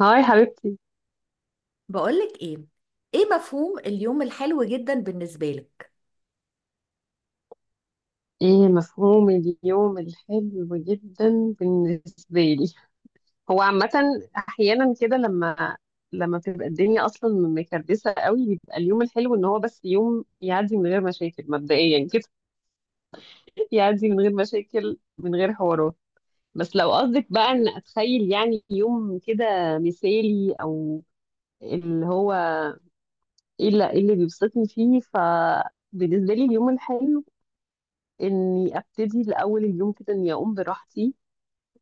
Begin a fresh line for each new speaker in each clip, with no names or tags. هاي حبيبتي.
بقولك ايه؟ ايه مفهوم اليوم الحلو جدا بالنسبة لك؟
ايه مفهوم اليوم الحلو جدا بالنسبة لي؟ هو عامة احيانا كده لما بتبقى الدنيا اصلا مكردسة قوي بيبقى اليوم الحلو ان هو بس يوم يعدي من غير مشاكل مبدئيا كده. يعدي من غير مشاكل من غير حوارات. بس لو قصدك بقى ان اتخيل يعني يوم كده مثالي او اللي هو ايه اللي إيه اللي بيبسطني فيه بالنسبة لي اليوم الحلو اني ابتدي لاول اليوم كده اني اقوم براحتي،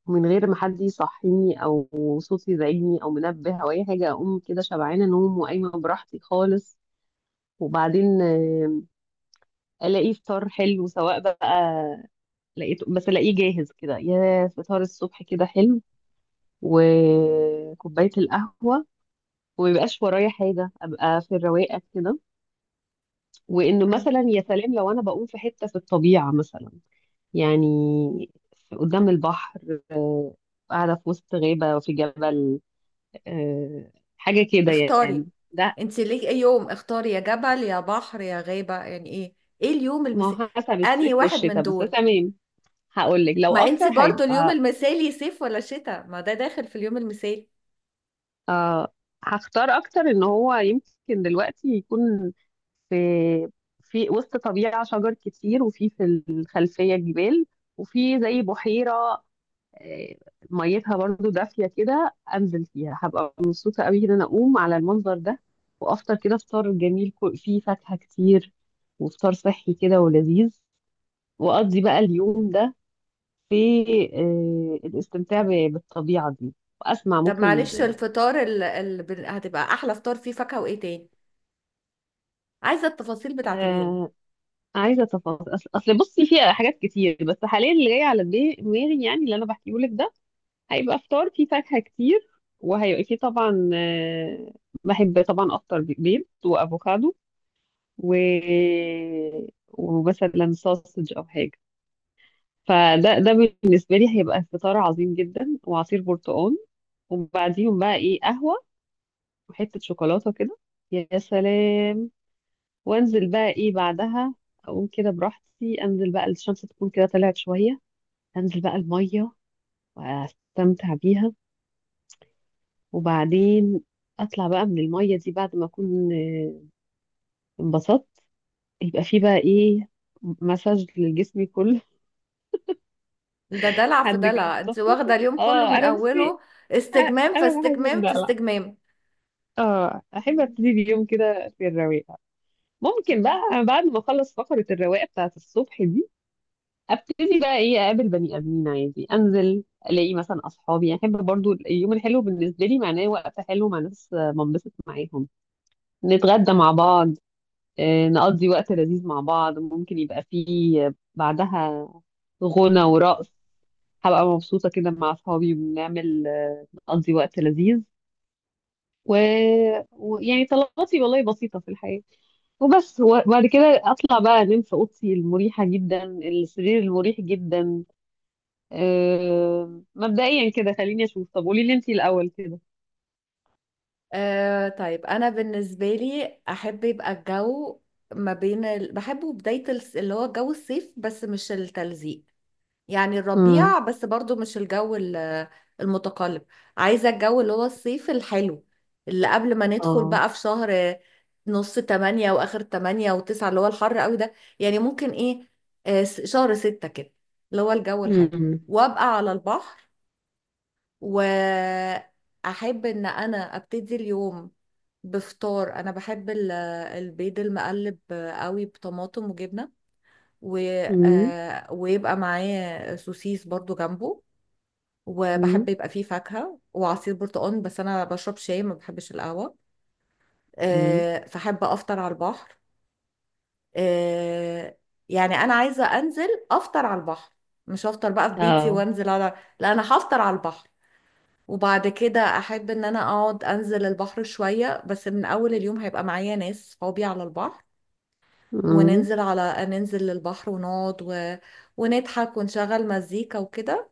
من غير ما حد يصحيني او صوت يزعجني او منبه او اي حاجه، اقوم كده شبعانه نوم وقايمه براحتي خالص. وبعدين الاقي فطار حلو، سواء بقى لقيته بس الاقيه جاهز كده، يا فطار الصبح كده حلو وكوبايه القهوه، وميبقاش ورايا حاجه، ابقى في الرواقه كده. وانه
مم.
مثلا يا سلام لو انا بقوم في حته في الطبيعه مثلا، يعني قدام البحر، قاعده في وسط غابه في جبل آه، حاجة كده يعني.
اختاري
ده
انت ليه ايه يوم، اختاري يا جبل يا بحر يا غابة يعني ايه؟ ايه اليوم
ما
المثالي؟
هو حسب
انهي
الصيف
واحد من
والشتاء بس،
دول؟
تمام. هقول لك لو
ما
اكتر
انت برضو اليوم
هيبقى
المثالي صيف ولا شتاء؟ ما ده داخل في اليوم المثالي.
آه هختار اكتر ان هو يمكن دلوقتي يكون في في وسط طبيعة شجر كتير، وفي الخلفية جبال، وفي زي بحيرة آه، ميتها برضو دافية كده، أنزل فيها. هبقى مبسوطة قوي إن أنا أقوم على المنظر ده وأفطر كده فطار جميل، فيه فاكهة كتير وفطار صحي كده ولذيذ. واقضي بقى اليوم ده في الاستمتاع بالطبيعة دي، واسمع
طب
ممكن.
معلش، الفطار هتبقى احلى فطار، فيه فاكهة وايه تاني؟ عايزة التفاصيل بتاعت اليوم.
آه، عايزة تفاصيل، أصل بصي فيها حاجات كتير، بس حاليا اللي جاي على دماغي يعني اللي انا بحكيه لك ده، هيبقى فطار فيه فاكهة كتير، وهيبقى فيه طبعا، بحب طبعا افطر بيض وافوكادو و ومثلا ساسج او حاجة. فده بالنسبة لي هيبقى فطار عظيم جدا، وعصير برتقال، وبعديهم بقى ايه، قهوة وحتة شوكولاتة كده، يا سلام. وانزل بقى ايه بعدها، اقوم كده براحتي، انزل بقى الشمس تكون كده طلعت شوية، انزل بقى المية واستمتع بيها. وبعدين اطلع بقى من المية دي بعد ما اكون انبسطت، يبقى في بقى ايه، مساج لجسمي كله.
ده دلع في
حد كده
دلع، انت واخدة
متخصص،
اليوم كله
اه
من
انا بصي،
اوله، استجمام في
انا بحب
استجمام في
الدلع.
استجمام.
اه، احب ابتدي اليوم كده في الرواقه. ممكن
مم.
بقى بعد ما اخلص فقره الرواقه بتاعت الصبح دي ابتدي بقى ايه، اقابل بني ادمين عادي، انزل الاقي مثلا اصحابي. يعني احب برضو اليوم الحلو بالنسبه لي معناه وقت حلو مع ناس بنبسط معاهم، نتغدى مع بعض، نقضي وقت لذيذ مع بعض، ممكن يبقى فيه بعدها غنى ورقص. هبقى مبسوطه كده مع اصحابي وبنعمل نقضي وقت لذيذ و... ويعني طلباتي والله بسيطه في الحياه وبس. وبعد كده اطلع بقى انام في اوضتي المريحه جدا، السرير المريح جدا. مبدئيا كده خليني اشوف. طب قولي لي انتي الاول كده.
طيب، انا بالنسبه لي احب يبقى الجو ما بين بحبه بدايه اللي هو جو الصيف بس مش التلزيق، يعني
امم،
الربيع، بس برضو مش الجو المتقلب. عايزه الجو اللي هو الصيف الحلو، اللي قبل ما ندخل
اه،
بقى في شهر نص 8 واخر 8 و9، اللي هو الحر قوي ده. يعني ممكن ايه، شهر 6 كده، اللي هو الجو الحلو.
امم،
وابقى على البحر، واحب ان انا ابتدي اليوم بفطار. انا بحب البيض المقلب قوي بطماطم وجبنه، و...
امم،
ويبقى معاه سوسيس برضو جنبه. وبحب
امم،
يبقى فيه فاكهه وعصير برتقال، بس انا بشرب شاي، ما بحبش القهوه.
امم،
فحب افطر على البحر. آه، يعني انا عايزه انزل افطر على البحر، مش هفطر بقى في بيتي
اه،
وانزل على... لا، انا هفطر على البحر. وبعد كده احب ان انا اقعد انزل البحر شوية، بس من اول اليوم هيبقى معايا ناس صحابي على البحر.
امم،
وننزل على ننزل للبحر ونقعد ونضحك ونشغل مزيكا وكده.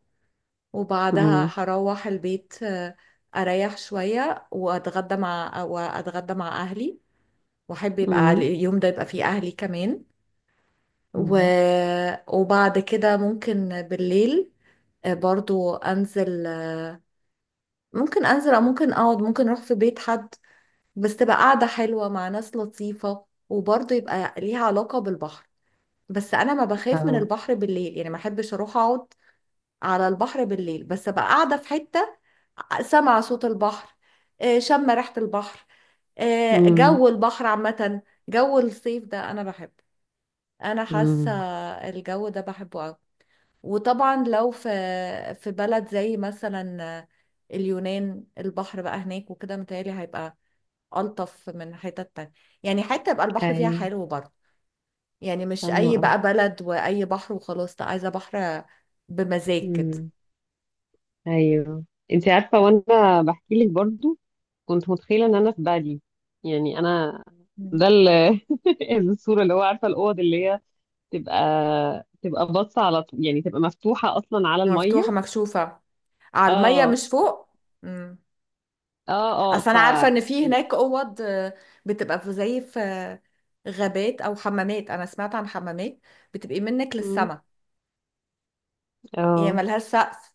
وبعدها
امم،
هروح البيت، اريح شوية، واتغدى مع اهلي. واحب يبقى
امم،
اليوم ده يبقى فيه اهلي كمان. و...
امم،
وبعد كده ممكن بالليل، برضو انزل. ممكن انزل او ممكن اقعد، ممكن اروح في بيت حد، بس تبقى قاعدة حلوة مع ناس لطيفة، وبرضه يبقى ليها علاقة بالبحر. بس أنا ما بخاف من
اه،
البحر بالليل، يعني ما أحبش أروح أقعد على البحر بالليل، بس أبقى قاعدة في حتة، سامعة صوت البحر، شامة ريحة البحر،
امم،
جو البحر عامة. جو الصيف ده أنا بحبه، أنا حاسة
امم.
الجو ده بحبه أوي. وطبعا لو في بلد زي مثلا اليونان، البحر بقى هناك وكده متهيألي هيبقى ألطف من حتة تانية. يعني حتة يبقى البحر فيها
ايوه،
حلو برضه، يعني مش
فاهمة
أي
قوي.
بقى بلد وأي بحر وخلاص، لا، عايزة بحر بمزاج كده.
امم. ايوه، انتي عارفه، وانا بحكي لك برضو كنت متخيله ان انا في بالي، يعني انا
مم.
ده الصوره، اللي هو عارفه الاوض اللي هي تبقى تبقى باصه على طول، يعني تبقى مفتوحه اصلا على
مفتوحة
الميه.
مكشوفة على المية،
اه،
مش فوق. مم.
اه، اه،
أصل أنا عارفة إن في هناك أوض، بتبقى زي في غابات أو حمامات. أنا سمعت عن حمامات بتبقى منك
مم.
للسما، هي
اه،
ملهاش سقف.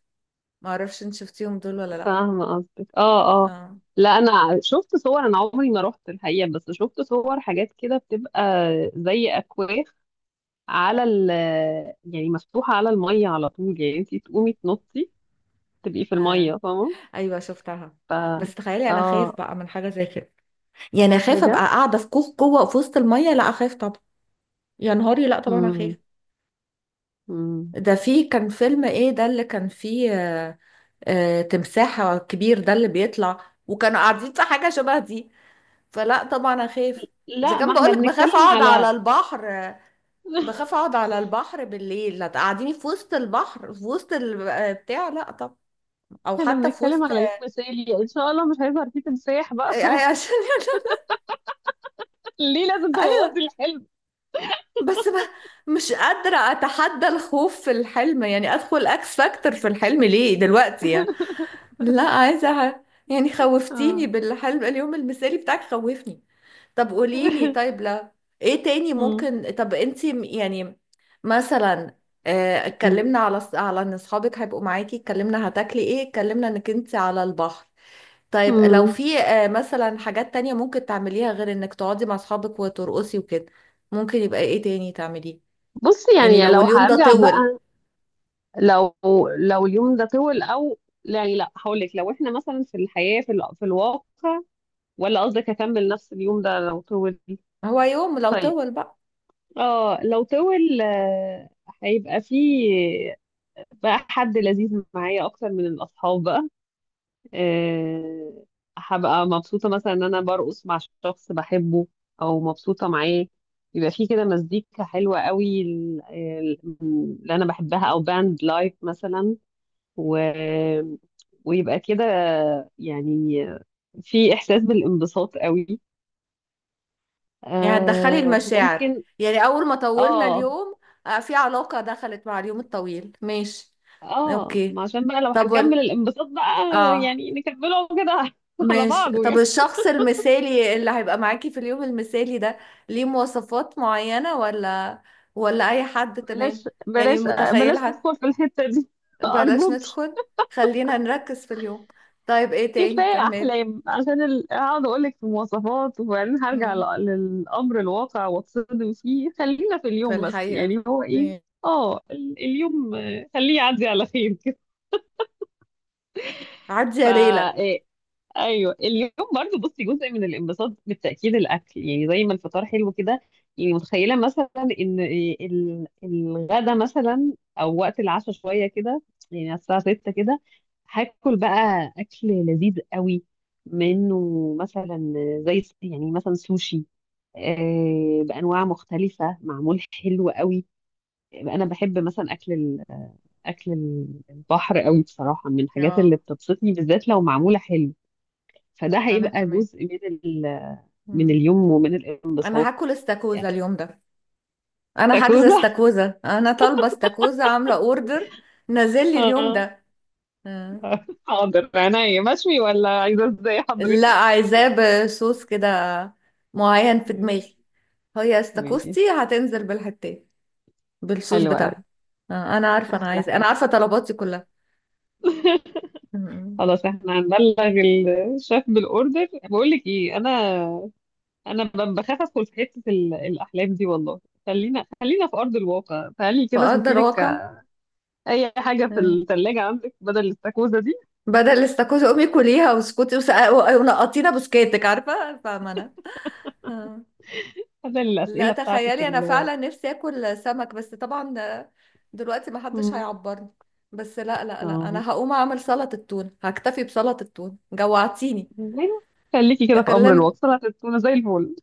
معرفش إن شفتيهم دول ولا لأ.
فاهمة قصدك، اه، اه.
آه.
لا انا شفت صور، انا عمري ما رحت الحقيقة، بس شفت صور حاجات كده بتبقى زي اكواخ على يعني مفتوحة على المية على طول، يعني انتي تقومي تنطي تبقي في
آه.
المية، فاهمة.
أيوة شفتها.
ف
بس تخيلي أنا خايف
اه،
بقى من حاجة زي كده، يعني اخاف ابقى
بجد.
قاعده في كوخ جوه في وسط الميه؟ لا، اخاف طبعا. يا نهاري، لا طبعا اخاف.
مم. مم.
ده في كان فيلم ايه ده اللي كان فيه تمساح كبير ده اللي بيطلع، وكانوا قاعدين في حاجه شبه دي. فلا طبعا اخاف. اذا
لا
كان
ما احنا
بقولك بخاف
بنتكلم
اقعد على
على
البحر، بخاف اقعد على البحر بالليل، لا تقعديني في وسط البحر، في وسط بتاع، لا طب، او
احنا
حتى في
بنتكلم
وسط
على يوم مثالي، ان شاء الله مش هيظهر فيه تمساح بقى
عشان...
خلاص. ليه لازم
ايوه،
تبوظي الحلم؟
بس بقى مش قادرة أتحدى الخوف في الحلم، يعني أدخل أكس فاكتور في الحلم ليه دلوقتي يعني؟ لا، عايزة يعني خوفتيني
اه.
بالحلم، اليوم المثالي بتاعك خوفني. طب قوليلي، طيب لا. إيه تاني
مم.
ممكن؟ طب أنتي يعني مثلا،
مم.
اتكلمنا على ان اصحابك هيبقوا معاكي، اتكلمنا هتاكلي ايه، اتكلمنا انك انت على البحر. طيب لو
مم.
في مثلا حاجات تانية ممكن تعمليها غير انك تقعدي مع اصحابك وترقصي وكده، ممكن يبقى ايه تاني تعمليه؟
بصي،
يعني
يعني
لو
لو
اليوم ده
هرجع
طول.
بقى، لو لو اليوم ده طول او، يعني لا هقول لك لو احنا مثلا في الحياة في الواقع، ولا قصدك اكمل نفس اليوم ده لو طول؟
هو يوم لو
طيب،
طول بقى.
اه، لو طول، هيبقى فيه بقى حد لذيذ معايا اكتر من الاصحاب بقى. آه، هبقى مبسوطة مثلا ان انا برقص مع شخص بحبه، او مبسوطة معاه، يبقى في كده مزيكا حلوة قوي اللي انا بحبها، او باند لايف مثلا و... ويبقى كده يعني في احساس بالانبساط قوي.
يعني هتدخلي المشاعر؟
ممكن،
يعني أول ما طولنا
اه
اليوم، في علاقة دخلت مع اليوم الطويل، ماشي.
اه
اوكي،
ما عشان بقى لو
طب
هنكمل الانبساط بقى،
اه
يعني نكمله كده على
ماشي.
بعضه
طب
يعني.
الشخص المثالي اللي هيبقى معاكي في اليوم المثالي ده ليه مواصفات معينة، ولا أي حد تمام؟
بلاش
يعني
بلاش
متخيل
بلاش
حد.
تدخل في الحتة دي،
بلاش
أرجوك.
ندخل، خلينا نركز في اليوم. طيب ايه تاني؟
كفاية
كمل.
أحلام، عشان أقعد أقولك في مواصفات وبعدين هرجع
مم.
للأمر الواقع وأتصدم فيه. خلينا في
في
اليوم بس،
الحقيقة.
يعني هو إيه؟ اليوم، خليه يعدي على خير كده.
عدي
ف
يا
آه،
ليلى.
ايوه اليوم برضو، بصي جزء من الانبساط بالتاكيد الاكل، يعني زي ما الفطار حلو كده، يعني متخيله مثلا ان الغدا مثلا، او وقت العشاء شويه كده، يعني على الساعه 6 كده، هاكل بقى اكل لذيذ قوي، منه مثلا زي يعني مثلا سوشي، بانواع مختلفه معمول حلو قوي. انا بحب مثلا اكل البحر قوي، بصراحه من الحاجات اللي
اه،
بتبسطني، بالذات لو معموله حلو. فده
انا
هيبقى
كمان.
جزء من
مم.
اليوم ومن
انا
الانبساط.
هاكل استاكوزا
يعني
اليوم ده. انا حاجزه
استاكوزا؟
استاكوزا، انا طالبه استاكوزا، عامله اوردر، نازل لي اليوم
اه،
ده. مم.
حاضر عينيا. مشوي ولا عايزه ازاي
لا،
حضرتك؟
عايزاه بصوص كده معين في
مم.
دماغي. هي
ماشي،
استاكوزتي هتنزل بالحتات بالصوص
حلو قوي،
بتاعها. انا عارفه، انا
احلى
عايزه، انا
حاجه.
عارفه طلباتي كلها. مم.
خلاص احنا هنبلغ الشيف بالاوردر. بقول لك ايه، انا بخاف ادخل في حته الاحلام دي والله. خلينا في ارض الواقع. تعالي كده شوفي
فاقدر
لك
واقع.
اي حاجه في
مم.
الثلاجه عندك بدل الاستاكوزا دي،
بدل الاستاكوزا امي كليها واسكتي ونقطينا بسكاتك، عارفه فاهمه انا. آه.
بدل
لا،
الاسئله بتاعتك
تخيلي انا فعلا نفسي اكل سمك، بس طبعا دلوقتي ما حدش
مم.
هيعبرني. بس لا لا لا،
اه،
انا هقوم اعمل سلطة التون، هكتفي بسلطة التون، جوعتيني.
يعني خليكي
يا
كده في امر
كلم!
الواقع هتكوني زي الفل.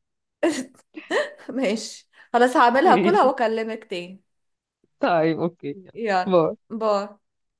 ماشي خلاص، هعملها كلها
ماشي،
واكلمك تاني.
طيب اوكي، يلا.
يلا،
باي.
باي.